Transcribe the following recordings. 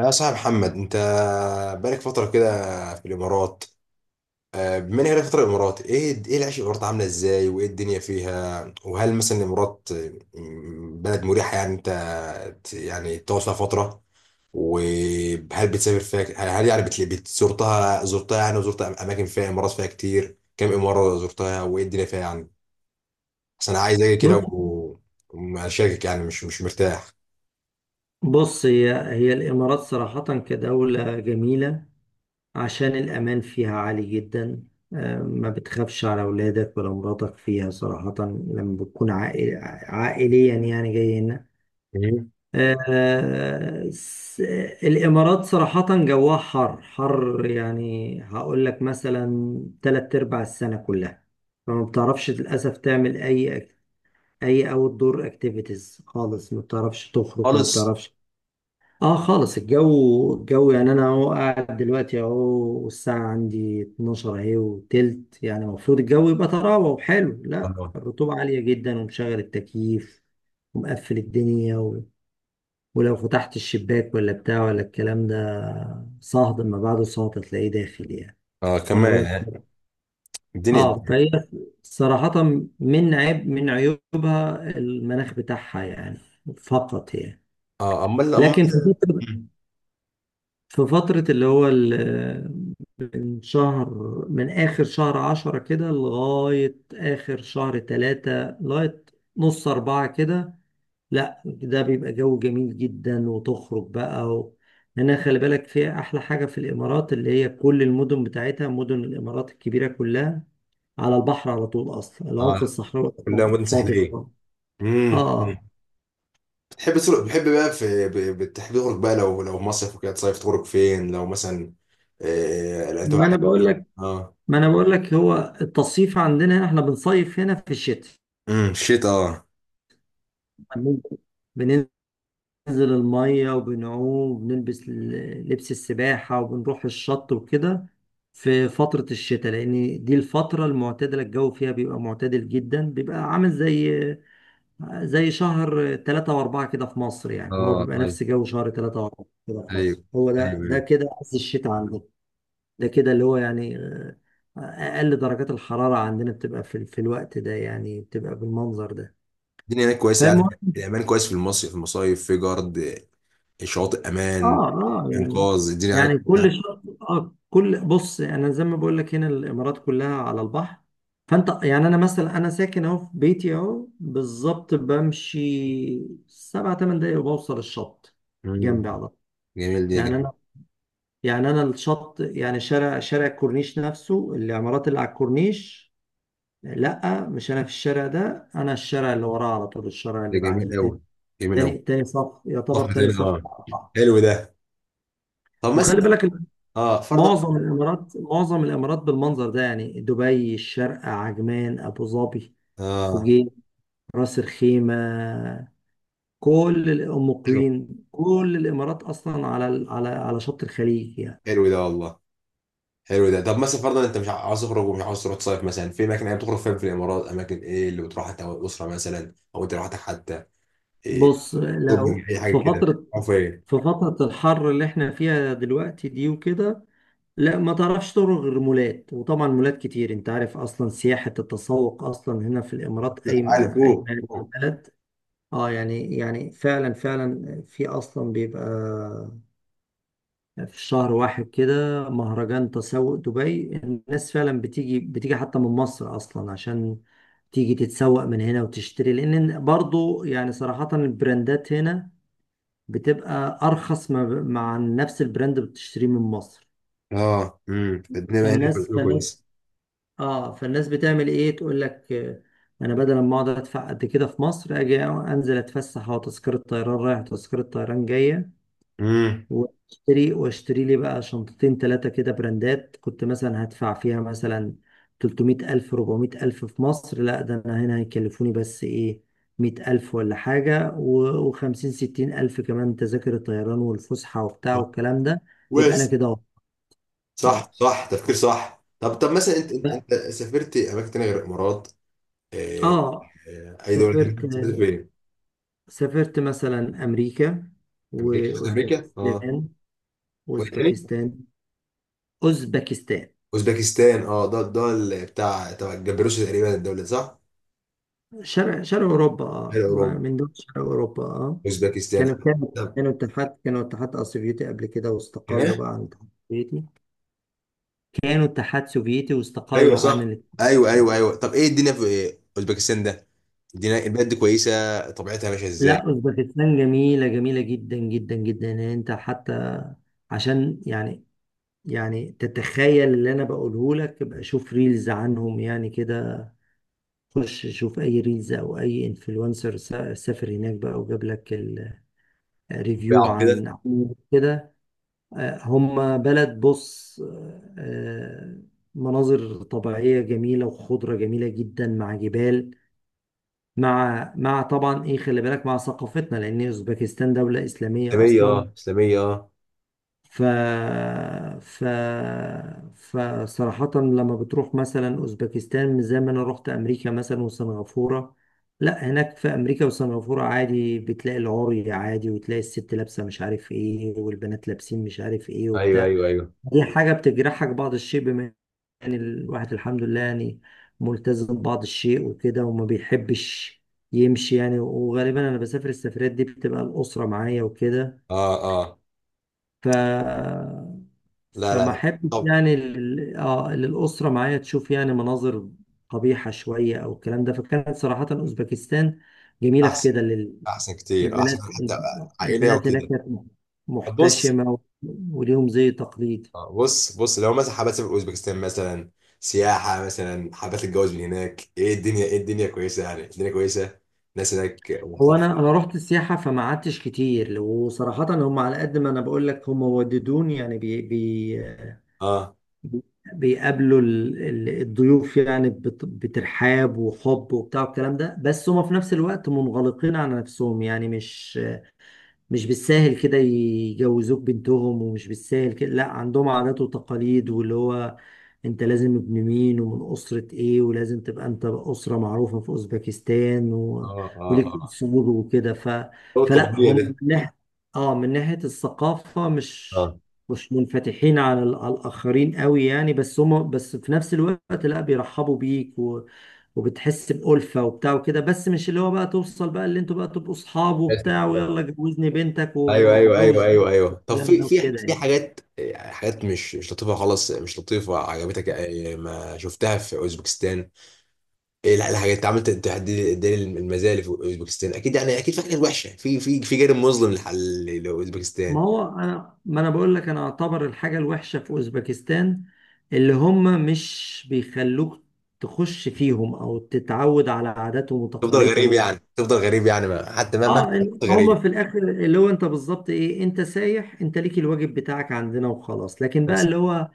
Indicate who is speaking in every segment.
Speaker 1: يا صاحب محمد، انت بقالك فترة كده في الامارات. آه، بما انك بقالك فترة في الامارات، ايه العيش في الامارات عاملة ازاي، وايه الدنيا فيها؟ وهل مثلا الامارات بلد مريحة؟ يعني انت يعني تقعد فيها فترة؟ وهل بتسافر فيها هل يعني زرتها؟ يعني، وزرت اماكن فيها؟ امارات فيها كتير، كم امارة زرتها، وايه الدنيا فيها يعني؟ بس انا عايز اجي كده
Speaker 2: بص
Speaker 1: واشاركك، يعني مش مرتاح.
Speaker 2: بص هي الإمارات صراحة كدولة جميلة، عشان الأمان فيها عالي جدا. ما بتخافش على أولادك ولا مراتك فيها صراحة لما بتكون عائليا يعني جاي هنا.
Speaker 1: مم.
Speaker 2: آه، س- الإمارات صراحة جواها حر حر، يعني هقول لك مثلا تلات أرباع السنة كلها فما بتعرفش للأسف تعمل أي أوت دور أكتيفيتيز خالص، ما بتعرفش تخرج، ما
Speaker 1: خالص.
Speaker 2: بتعرفش. اه خالص، الجو يعني انا اهو قاعد دلوقتي اهو، والساعة عندي 12 اهي وتلت، يعني المفروض الجو يبقى طراوة وحلو. لا،
Speaker 1: اه.
Speaker 2: الرطوبة عالية جدا، ومشغل التكييف ومقفل الدنيا، و... ولو فتحت الشباك ولا بتاع ولا الكلام ده صهد اما بعده صهد هتلاقيه داخل يعني.
Speaker 1: آه،
Speaker 2: وانا
Speaker 1: كمان
Speaker 2: بقول لك،
Speaker 1: يعني. الدنيا.
Speaker 2: اه فهي صراحة من عيب من عيوبها المناخ بتاعها يعني، فقط يعني.
Speaker 1: اه، امال امال.
Speaker 2: لكن في فترة
Speaker 1: مم.
Speaker 2: في فترة اللي هو من شهر، من آخر شهر عشرة كده لغاية آخر شهر تلاتة، لغاية نص أربعة كده، لا ده بيبقى جو جميل جدا وتخرج بقى. و... هنا خلي بالك فيها، أحلى حاجة في الإمارات اللي هي كل المدن بتاعتها، مدن الإمارات الكبيرة كلها على البحر على طول، أصلا
Speaker 1: اه.
Speaker 2: العمق الصحراوي
Speaker 1: كلها
Speaker 2: أصلا
Speaker 1: مدن
Speaker 2: فاضي
Speaker 1: ساحليه.
Speaker 2: خالص. آه.
Speaker 1: مم. بتحب تخرج بقى لو مصيف وكده تصيف تخرج فين لو مثلا؟ آه، لا،
Speaker 2: ما أنا بقول لك
Speaker 1: اه.
Speaker 2: ما أنا بقول لك هو التصيف عندنا هنا، إحنا بنصيف هنا في
Speaker 1: الشتاء، اه.
Speaker 2: الشتاء، بننزل المية وبنعوم وبنلبس لبس السباحة وبنروح الشط وكده في فترة الشتاء، لأن دي الفترة المعتدلة الجو فيها بيبقى معتدل جدا، بيبقى عامل زي زي شهر تلاتة وأربعة كده في مصر يعني، هو
Speaker 1: اه،
Speaker 2: بيبقى
Speaker 1: ايوه
Speaker 2: نفس جو شهر تلاتة وأربعة كده في
Speaker 1: ايوه
Speaker 2: مصر. هو ده
Speaker 1: ايوه
Speaker 2: ده
Speaker 1: ايوه.
Speaker 2: كده عز الشتاء عندنا، ده كده اللي هو يعني أقل درجات الحرارة عندنا بتبقى في، في الوقت ده يعني، بتبقى بالمنظر ده.
Speaker 1: الدنيا هناك كويسه يعني،
Speaker 2: فالمهم،
Speaker 1: الامان كويس في المصيف، في المصايف، في جارد؟ آه، شواطئ امان؟
Speaker 2: اه اه يعني
Speaker 1: انقاذ الدنيا هناك
Speaker 2: يعني كل
Speaker 1: كويسة.
Speaker 2: شط، اه كل بص انا زي ما بقول لك هنا الامارات كلها على البحر، فانت يعني انا مثلا، انا ساكن اهو في بيتي اهو بالظبط، بمشي سبع ثمان دقايق وبوصل الشط
Speaker 1: مم.
Speaker 2: جنبي على طول.
Speaker 1: جميل، دي
Speaker 2: يعني
Speaker 1: جميل.
Speaker 2: انا، يعني انا الشط يعني شارع الكورنيش نفسه، العمارات اللي على الكورنيش. لا مش انا في الشارع ده، انا الشارع اللي وراه على طول، الشارع
Speaker 1: ده
Speaker 2: اللي
Speaker 1: جميل
Speaker 2: بعديه، تاني
Speaker 1: قوي، جميل قوي.
Speaker 2: تاني صف،
Speaker 1: طب
Speaker 2: يعتبر تاني
Speaker 1: تاني،
Speaker 2: صف
Speaker 1: اه.
Speaker 2: على البحر.
Speaker 1: حلو ده. طب
Speaker 2: وخلي
Speaker 1: مثلا.
Speaker 2: بالك،
Speaker 1: اه، فرضا.
Speaker 2: معظم الامارات بالمنظر ده، يعني دبي، الشارقة، عجمان، ابو ظبي،
Speaker 1: اه.
Speaker 2: فوجين، راس الخيمة، كل ام
Speaker 1: حلو.
Speaker 2: قوين، كل الامارات اصلا على على على شط الخليج يعني.
Speaker 1: حلو ده والله. حلو ده. طب مثلا فرضا انت مش عاوز تخرج، ومش عاوز تروح تصيف مثلا في اماكن، يعني بتخرج فين في الامارات؟ اماكن ايه اللي بتروحها انت والاسره مثلا، او انت لوحدك حتى؟ إيه؟
Speaker 2: بص، لو
Speaker 1: شوبينج، اي حاجه
Speaker 2: في
Speaker 1: كده؟
Speaker 2: فترة
Speaker 1: او فين؟
Speaker 2: في فترة الحر اللي احنا فيها دلوقتي دي وكده، لا ما تعرفش تروح غير مولات، وطبعا مولات كتير انت عارف، اصلا سياحة التسوق اصلا هنا في الامارات
Speaker 1: لا، عالي
Speaker 2: قايمة
Speaker 1: فوق
Speaker 2: على
Speaker 1: فوق.
Speaker 2: البلد. اه يعني فعلا فعلا في اصلا بيبقى في شهر واحد كده مهرجان تسوق دبي، الناس فعلا بتيجي حتى من مصر اصلا عشان تيجي تتسوق من هنا وتشتري، لان برضو يعني صراحة البراندات هنا بتبقى ارخص ما ب- مع نفس البراند بتشتريه من مصر.
Speaker 1: اه، الدنيا هنا في
Speaker 2: فالناس
Speaker 1: الأول
Speaker 2: فالناس
Speaker 1: كويس.
Speaker 2: اه فالناس بتعمل ايه، تقول لك انا بدل ما اقعد ادفع قد كده في مصر، اجي انزل اتفسح، او تذكرة طيران رايح تذكرة طيران جاية،
Speaker 1: امم
Speaker 2: واشتري لي بقى شنطتين ثلاثة كده براندات، كنت مثلا هدفع فيها مثلا 300 ألف 400 ألف في مصر، لا ده أنا هنا هيكلفوني بس إيه، 100 ألف ولا حاجة، و- وخمسين ستين ألف كمان تذاكر الطيران والفسحة وبتاع والكلام ده، يبقى أنا
Speaker 1: كويس.
Speaker 2: كده أهو.
Speaker 1: صح،
Speaker 2: اه
Speaker 1: صح تفكير، صح. طب، مثلا انت،
Speaker 2: ف-
Speaker 1: انت سافرت اماكن تانية غير الامارات؟ إيه؟
Speaker 2: اه
Speaker 1: إيه، اي دوله
Speaker 2: سافرت
Speaker 1: تانية سافرت؟ فين؟
Speaker 2: سافرت مثلا أمريكا
Speaker 1: امريكا، امريكا، اه.
Speaker 2: وأوزبكستان. أوزبكستان أوزبكستان
Speaker 1: اوزبكستان، اه. ده بتاع تبع الجبروسي تقريبا الدوله دي، صح؟
Speaker 2: شرق شرق أوروبا
Speaker 1: غير
Speaker 2: اه،
Speaker 1: اوروبا؟
Speaker 2: من دول شرق أوروبا اه.
Speaker 1: اوزبكستان.
Speaker 2: كانوا كانوا
Speaker 1: طب.
Speaker 2: كانوا اتحاد سوفيتي قبل كده، واستقلوا
Speaker 1: هنا
Speaker 2: بقى عن الاتحاد السوفيتي. كانوا اتحاد سوفيتي
Speaker 1: ايوه
Speaker 2: واستقلوا عن
Speaker 1: صح.
Speaker 2: الاتحاد
Speaker 1: ايوه ايوه
Speaker 2: السوفيتي
Speaker 1: ايوه. طب ايه الدنيا في إيه؟ اوزبكستان ده؟ الدنيا البلد دي كويسه؟ طبيعتها ماشيه ازاي؟
Speaker 2: لا أوزبكستان جميلة، جميلة جدا جدا جدا، يعني أنت حتى عشان يعني، يعني تتخيل اللي أنا بقوله لك، ابقى شوف ريلز عنهم يعني كده، خش شوف أي ريلز أو أي انفلونسر سافر هناك بقى وجاب لك الريفيو
Speaker 1: طبيعه كده.
Speaker 2: عن كده. هم بلد، بص مناظر طبيعية جميلة، وخضرة جميلة جدا مع جبال، مع طبعا ايه خلي بالك مع ثقافتنا، لأن أوزبكستان دولة إسلامية
Speaker 1: اسلاميه
Speaker 2: أصلا.
Speaker 1: اه، اسلاميه اه.
Speaker 2: ف ف فصراحة لما بتروح مثلا أوزبكستان، مش زي ما أنا رحت أمريكا مثلا وسنغافورة، لا هناك في أمريكا وسنغافورة عادي بتلاقي العري، عادي وتلاقي الست لابسة مش عارف ايه، والبنات لابسين مش عارف ايه
Speaker 1: ايوه
Speaker 2: وبتاع.
Speaker 1: ايوه ايوه.
Speaker 2: دي حاجة بتجرحك بعض الشيء، بما يعني الواحد الحمد لله يعني ملتزم بعض الشيء وكده، وما بيحبش يمشي يعني. وغالبا انا بسافر السفرات دي بتبقى الأسرة معايا وكده،
Speaker 1: اه، اه.
Speaker 2: ف
Speaker 1: لا، لا،
Speaker 2: فما
Speaker 1: لا.
Speaker 2: احبش
Speaker 1: طب.
Speaker 2: يعني اللي الأسرة معايا تشوف يعني مناظر قبيحة شوية او الكلام ده. فكانت صراحة أوزبكستان جميلة في
Speaker 1: احسن.
Speaker 2: كده
Speaker 1: احسن كتير، احسن
Speaker 2: البنات،
Speaker 1: حتى. عائليه
Speaker 2: البنات هناك
Speaker 1: وكده.
Speaker 2: كانت
Speaker 1: طب بص.
Speaker 2: محتشمة، وليهم زي تقليد.
Speaker 1: آه، بص بص لو مثلا حابة تسافر اوزبكستان مثلا سياحة، مثلا حابة تتجوز من هناك، ايه الدنيا كويسة يعني؟ الدنيا كويسة؟ الناس هناك
Speaker 2: هو
Speaker 1: محترمة؟
Speaker 2: انا، انا رحت السياحه فما قعدتش كتير، وصراحه هم على قد ما انا بقول لك، هم وددوني يعني بي
Speaker 1: اه،
Speaker 2: بيقابلوا الضيوف يعني بترحاب وحب وبتاع الكلام ده، بس هم في نفس الوقت منغلقين على نفسهم يعني، مش بالساهل كده يجوزوك بنتهم، ومش بالساهل كده. لا عندهم عادات وتقاليد، واللي هو انت لازم ابن مين، ومن أسرة ايه، ولازم تبقى انت أسرة معروفة في أوزبكستان،
Speaker 1: اه،
Speaker 2: و...
Speaker 1: اه.
Speaker 2: وليك
Speaker 1: اه.
Speaker 2: أصول وكده. ف...
Speaker 1: هو
Speaker 2: فلا
Speaker 1: القبلية
Speaker 2: هم
Speaker 1: ده.
Speaker 2: من ناحية، اه من ناحية الثقافة مش
Speaker 1: اه.
Speaker 2: مش منفتحين على على الآخرين قوي يعني، بس هم بس في نفس الوقت لا بيرحبوا بيك وبتحس بألفة وبتاع وكده، بس مش اللي هو بقى توصل بقى اللي انتوا بقى تبقوا اصحاب
Speaker 1: آسف.
Speaker 2: وبتاع
Speaker 1: آه.
Speaker 2: ويلا جوزني بنتك
Speaker 1: ايوه ايوه
Speaker 2: واتجوز
Speaker 1: ايوه
Speaker 2: بنتك
Speaker 1: ايوه ايوه. طب،
Speaker 2: والكلام
Speaker 1: في
Speaker 2: ده
Speaker 1: في
Speaker 2: وكده
Speaker 1: في
Speaker 2: يعني.
Speaker 1: حاجات يعني، حاجات مش لطيفة خالص، مش لطيفة عجبتك آه، ما شفتها في اوزبكستان؟ ايه، لا، الحاجات انت عملت تحدي دي المزايا اللي في اوزبكستان، اكيد يعني، اكيد في حاجات وحشة، في جانب مظلم لحل
Speaker 2: ما
Speaker 1: لاوزبكستان.
Speaker 2: هو انا، ما انا بقول لك انا اعتبر الحاجة الوحشة في اوزبكستان اللي هم مش بيخلوك تخش فيهم او تتعود على عاداتهم
Speaker 1: تفضل غريب
Speaker 2: وتقاليدهم.
Speaker 1: يعني، تفضل غريب يعني، ما. حتى ما.
Speaker 2: اه هما
Speaker 1: غريب.
Speaker 2: في الاخر اللي هو انت بالظبط ايه، انت سايح، انت ليك الواجب بتاعك عندنا وخلاص، لكن بقى
Speaker 1: بس.
Speaker 2: اللي هو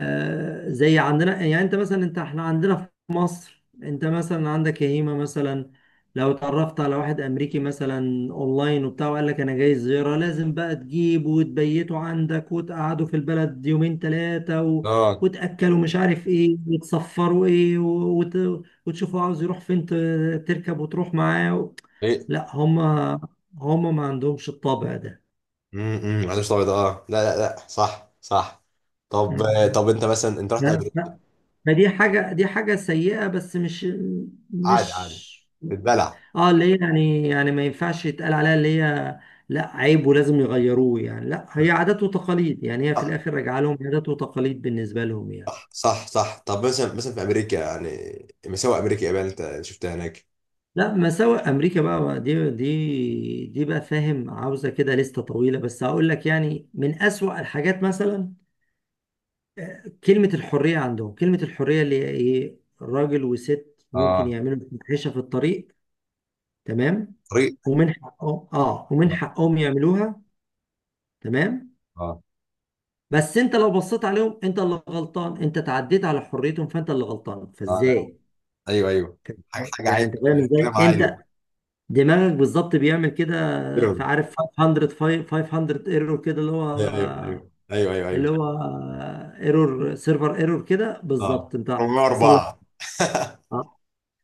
Speaker 2: زي عندنا يعني، انت مثلا، انت احنا عندنا في مصر، انت مثلا عندك يهيمة مثلا لو اتعرفت على واحد امريكي مثلا اونلاين وبتاع، وقال لك انا جاي زيارة، لازم بقى تجيبه وتبيته عندك وتقعده في البلد يومين ثلاثة، و...
Speaker 1: اه.
Speaker 2: وتأكلوا مش عارف ايه وتصفروا ايه، و... وت... وتشوفوا عاوز يروح فين، تركب وتروح معاه. و...
Speaker 1: ايه.
Speaker 2: لا هما، هما ما عندهمش الطبع ده.
Speaker 1: عدوش ابيض، اه. لا، لا، لا. صح صح. طب، آه،
Speaker 2: مم.
Speaker 1: طب انت مثلا، انت رحت
Speaker 2: ف-
Speaker 1: امريكا.
Speaker 2: ما دي حاجة، دي حاجة سيئة بس مش
Speaker 1: عادي، عادي.
Speaker 2: مش
Speaker 1: بتبلع.
Speaker 2: اه، اللي هي يعني، يعني ما ينفعش يتقال عليها اللي هي لا عيب ولازم يغيروه يعني، لا هي عادات وتقاليد يعني، هي في
Speaker 1: صح،
Speaker 2: الآخر راجعة لهم عادات وتقاليد بالنسبة لهم يعني.
Speaker 1: صح، صح. طب مثلا، في امريكا يعني، مساوئ امريكا يابان انت شفتها هناك؟
Speaker 2: لا مساوئ أمريكا بقى دي بقى فاهم، عاوزة كده لستة طويلة، بس هقول لك يعني من أسوأ الحاجات مثلا كلمة الحرية عندهم، كلمة الحرية اللي هي إيه، راجل وست ممكن
Speaker 1: اه.
Speaker 2: يعملوا فاحشة في الطريق، تمام،
Speaker 1: طريق.
Speaker 2: ومن حقهم، اه ومن
Speaker 1: اه.
Speaker 2: حقهم يعملوها، تمام.
Speaker 1: اه.
Speaker 2: بس انت لو بصيت عليهم، انت اللي غلطان، انت تعديت على حريتهم، فانت اللي غلطان.
Speaker 1: آه، لا.
Speaker 2: فازاي
Speaker 1: ايوه، ايوه. حاجه، حاجه
Speaker 2: يعني،
Speaker 1: عايزه
Speaker 2: انت فاهم
Speaker 1: كده، كده
Speaker 2: ازاي،
Speaker 1: معايا.
Speaker 2: انت دماغك بالظبط بيعمل كده،
Speaker 1: ايوه
Speaker 2: فعارف 500، 500 ايرور كده، اللي
Speaker 1: ايوه ايوه
Speaker 2: هو
Speaker 1: ايوه ايوه
Speaker 2: اللي
Speaker 1: ايوه.
Speaker 2: هو ايرور، سيرفر ايرور كده
Speaker 1: اه،
Speaker 2: بالظبط انت حصل لك.
Speaker 1: 404
Speaker 2: آه.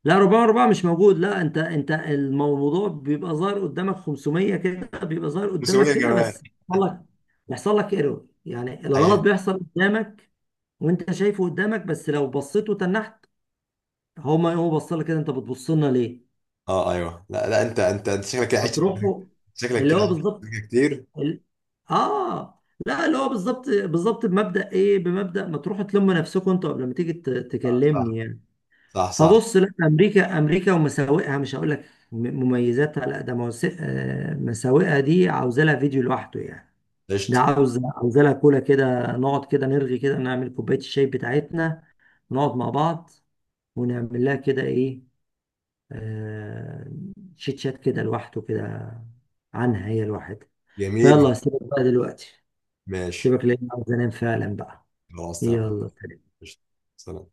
Speaker 2: لا 400، 400 مش موجود، لا انت انت الموضوع بيبقى ظاهر قدامك 500 كده، بيبقى ظاهر قدامك
Speaker 1: مسويه
Speaker 2: كده
Speaker 1: كمان.
Speaker 2: بس بيحصل لك، ايرور، يعني الغلط بيحصل قدامك وانت شايفه قدامك، بس لو بصيت وتنحت، هو ما هو بص لك كده، انت بتبص لنا ليه؟
Speaker 1: اه، ايوه. لا، لا، انت شكلك كده عشت.
Speaker 2: هتروحوا
Speaker 1: شكلك
Speaker 2: اللي
Speaker 1: كده
Speaker 2: هو
Speaker 1: عشت
Speaker 2: بالظبط
Speaker 1: أمريكا كتير.
Speaker 2: ال... اه لا اللي هو بالظبط، بمبدأ ايه؟ بمبدأ ما تروحوا تلموا نفسكم انتوا قبل ما تيجي
Speaker 1: آه، صح.
Speaker 2: تكلمني يعني.
Speaker 1: صح، صح.
Speaker 2: فبص لا، امريكا ومساوئها مش هقول لك مميزاتها، لا ده مساوئها دي عاوزه لها فيديو لوحده يعني، ده
Speaker 1: قشطة.
Speaker 2: عاوز، عاوزه لها كولا كده، نقعد كده نرغي كده، نعمل كوبايه الشاي بتاعتنا ونقعد مع بعض ونعمل لها كده ايه، آه شيت شات كده لوحده كده عنها هي لوحدها.
Speaker 1: جميل.
Speaker 2: فيلا سيبك بقى دلوقتي،
Speaker 1: ماشي.
Speaker 2: سيبك لان عاوز انام فعلا بقى،
Speaker 1: خلاص، تمام.
Speaker 2: يلا.
Speaker 1: قشطة. سلام.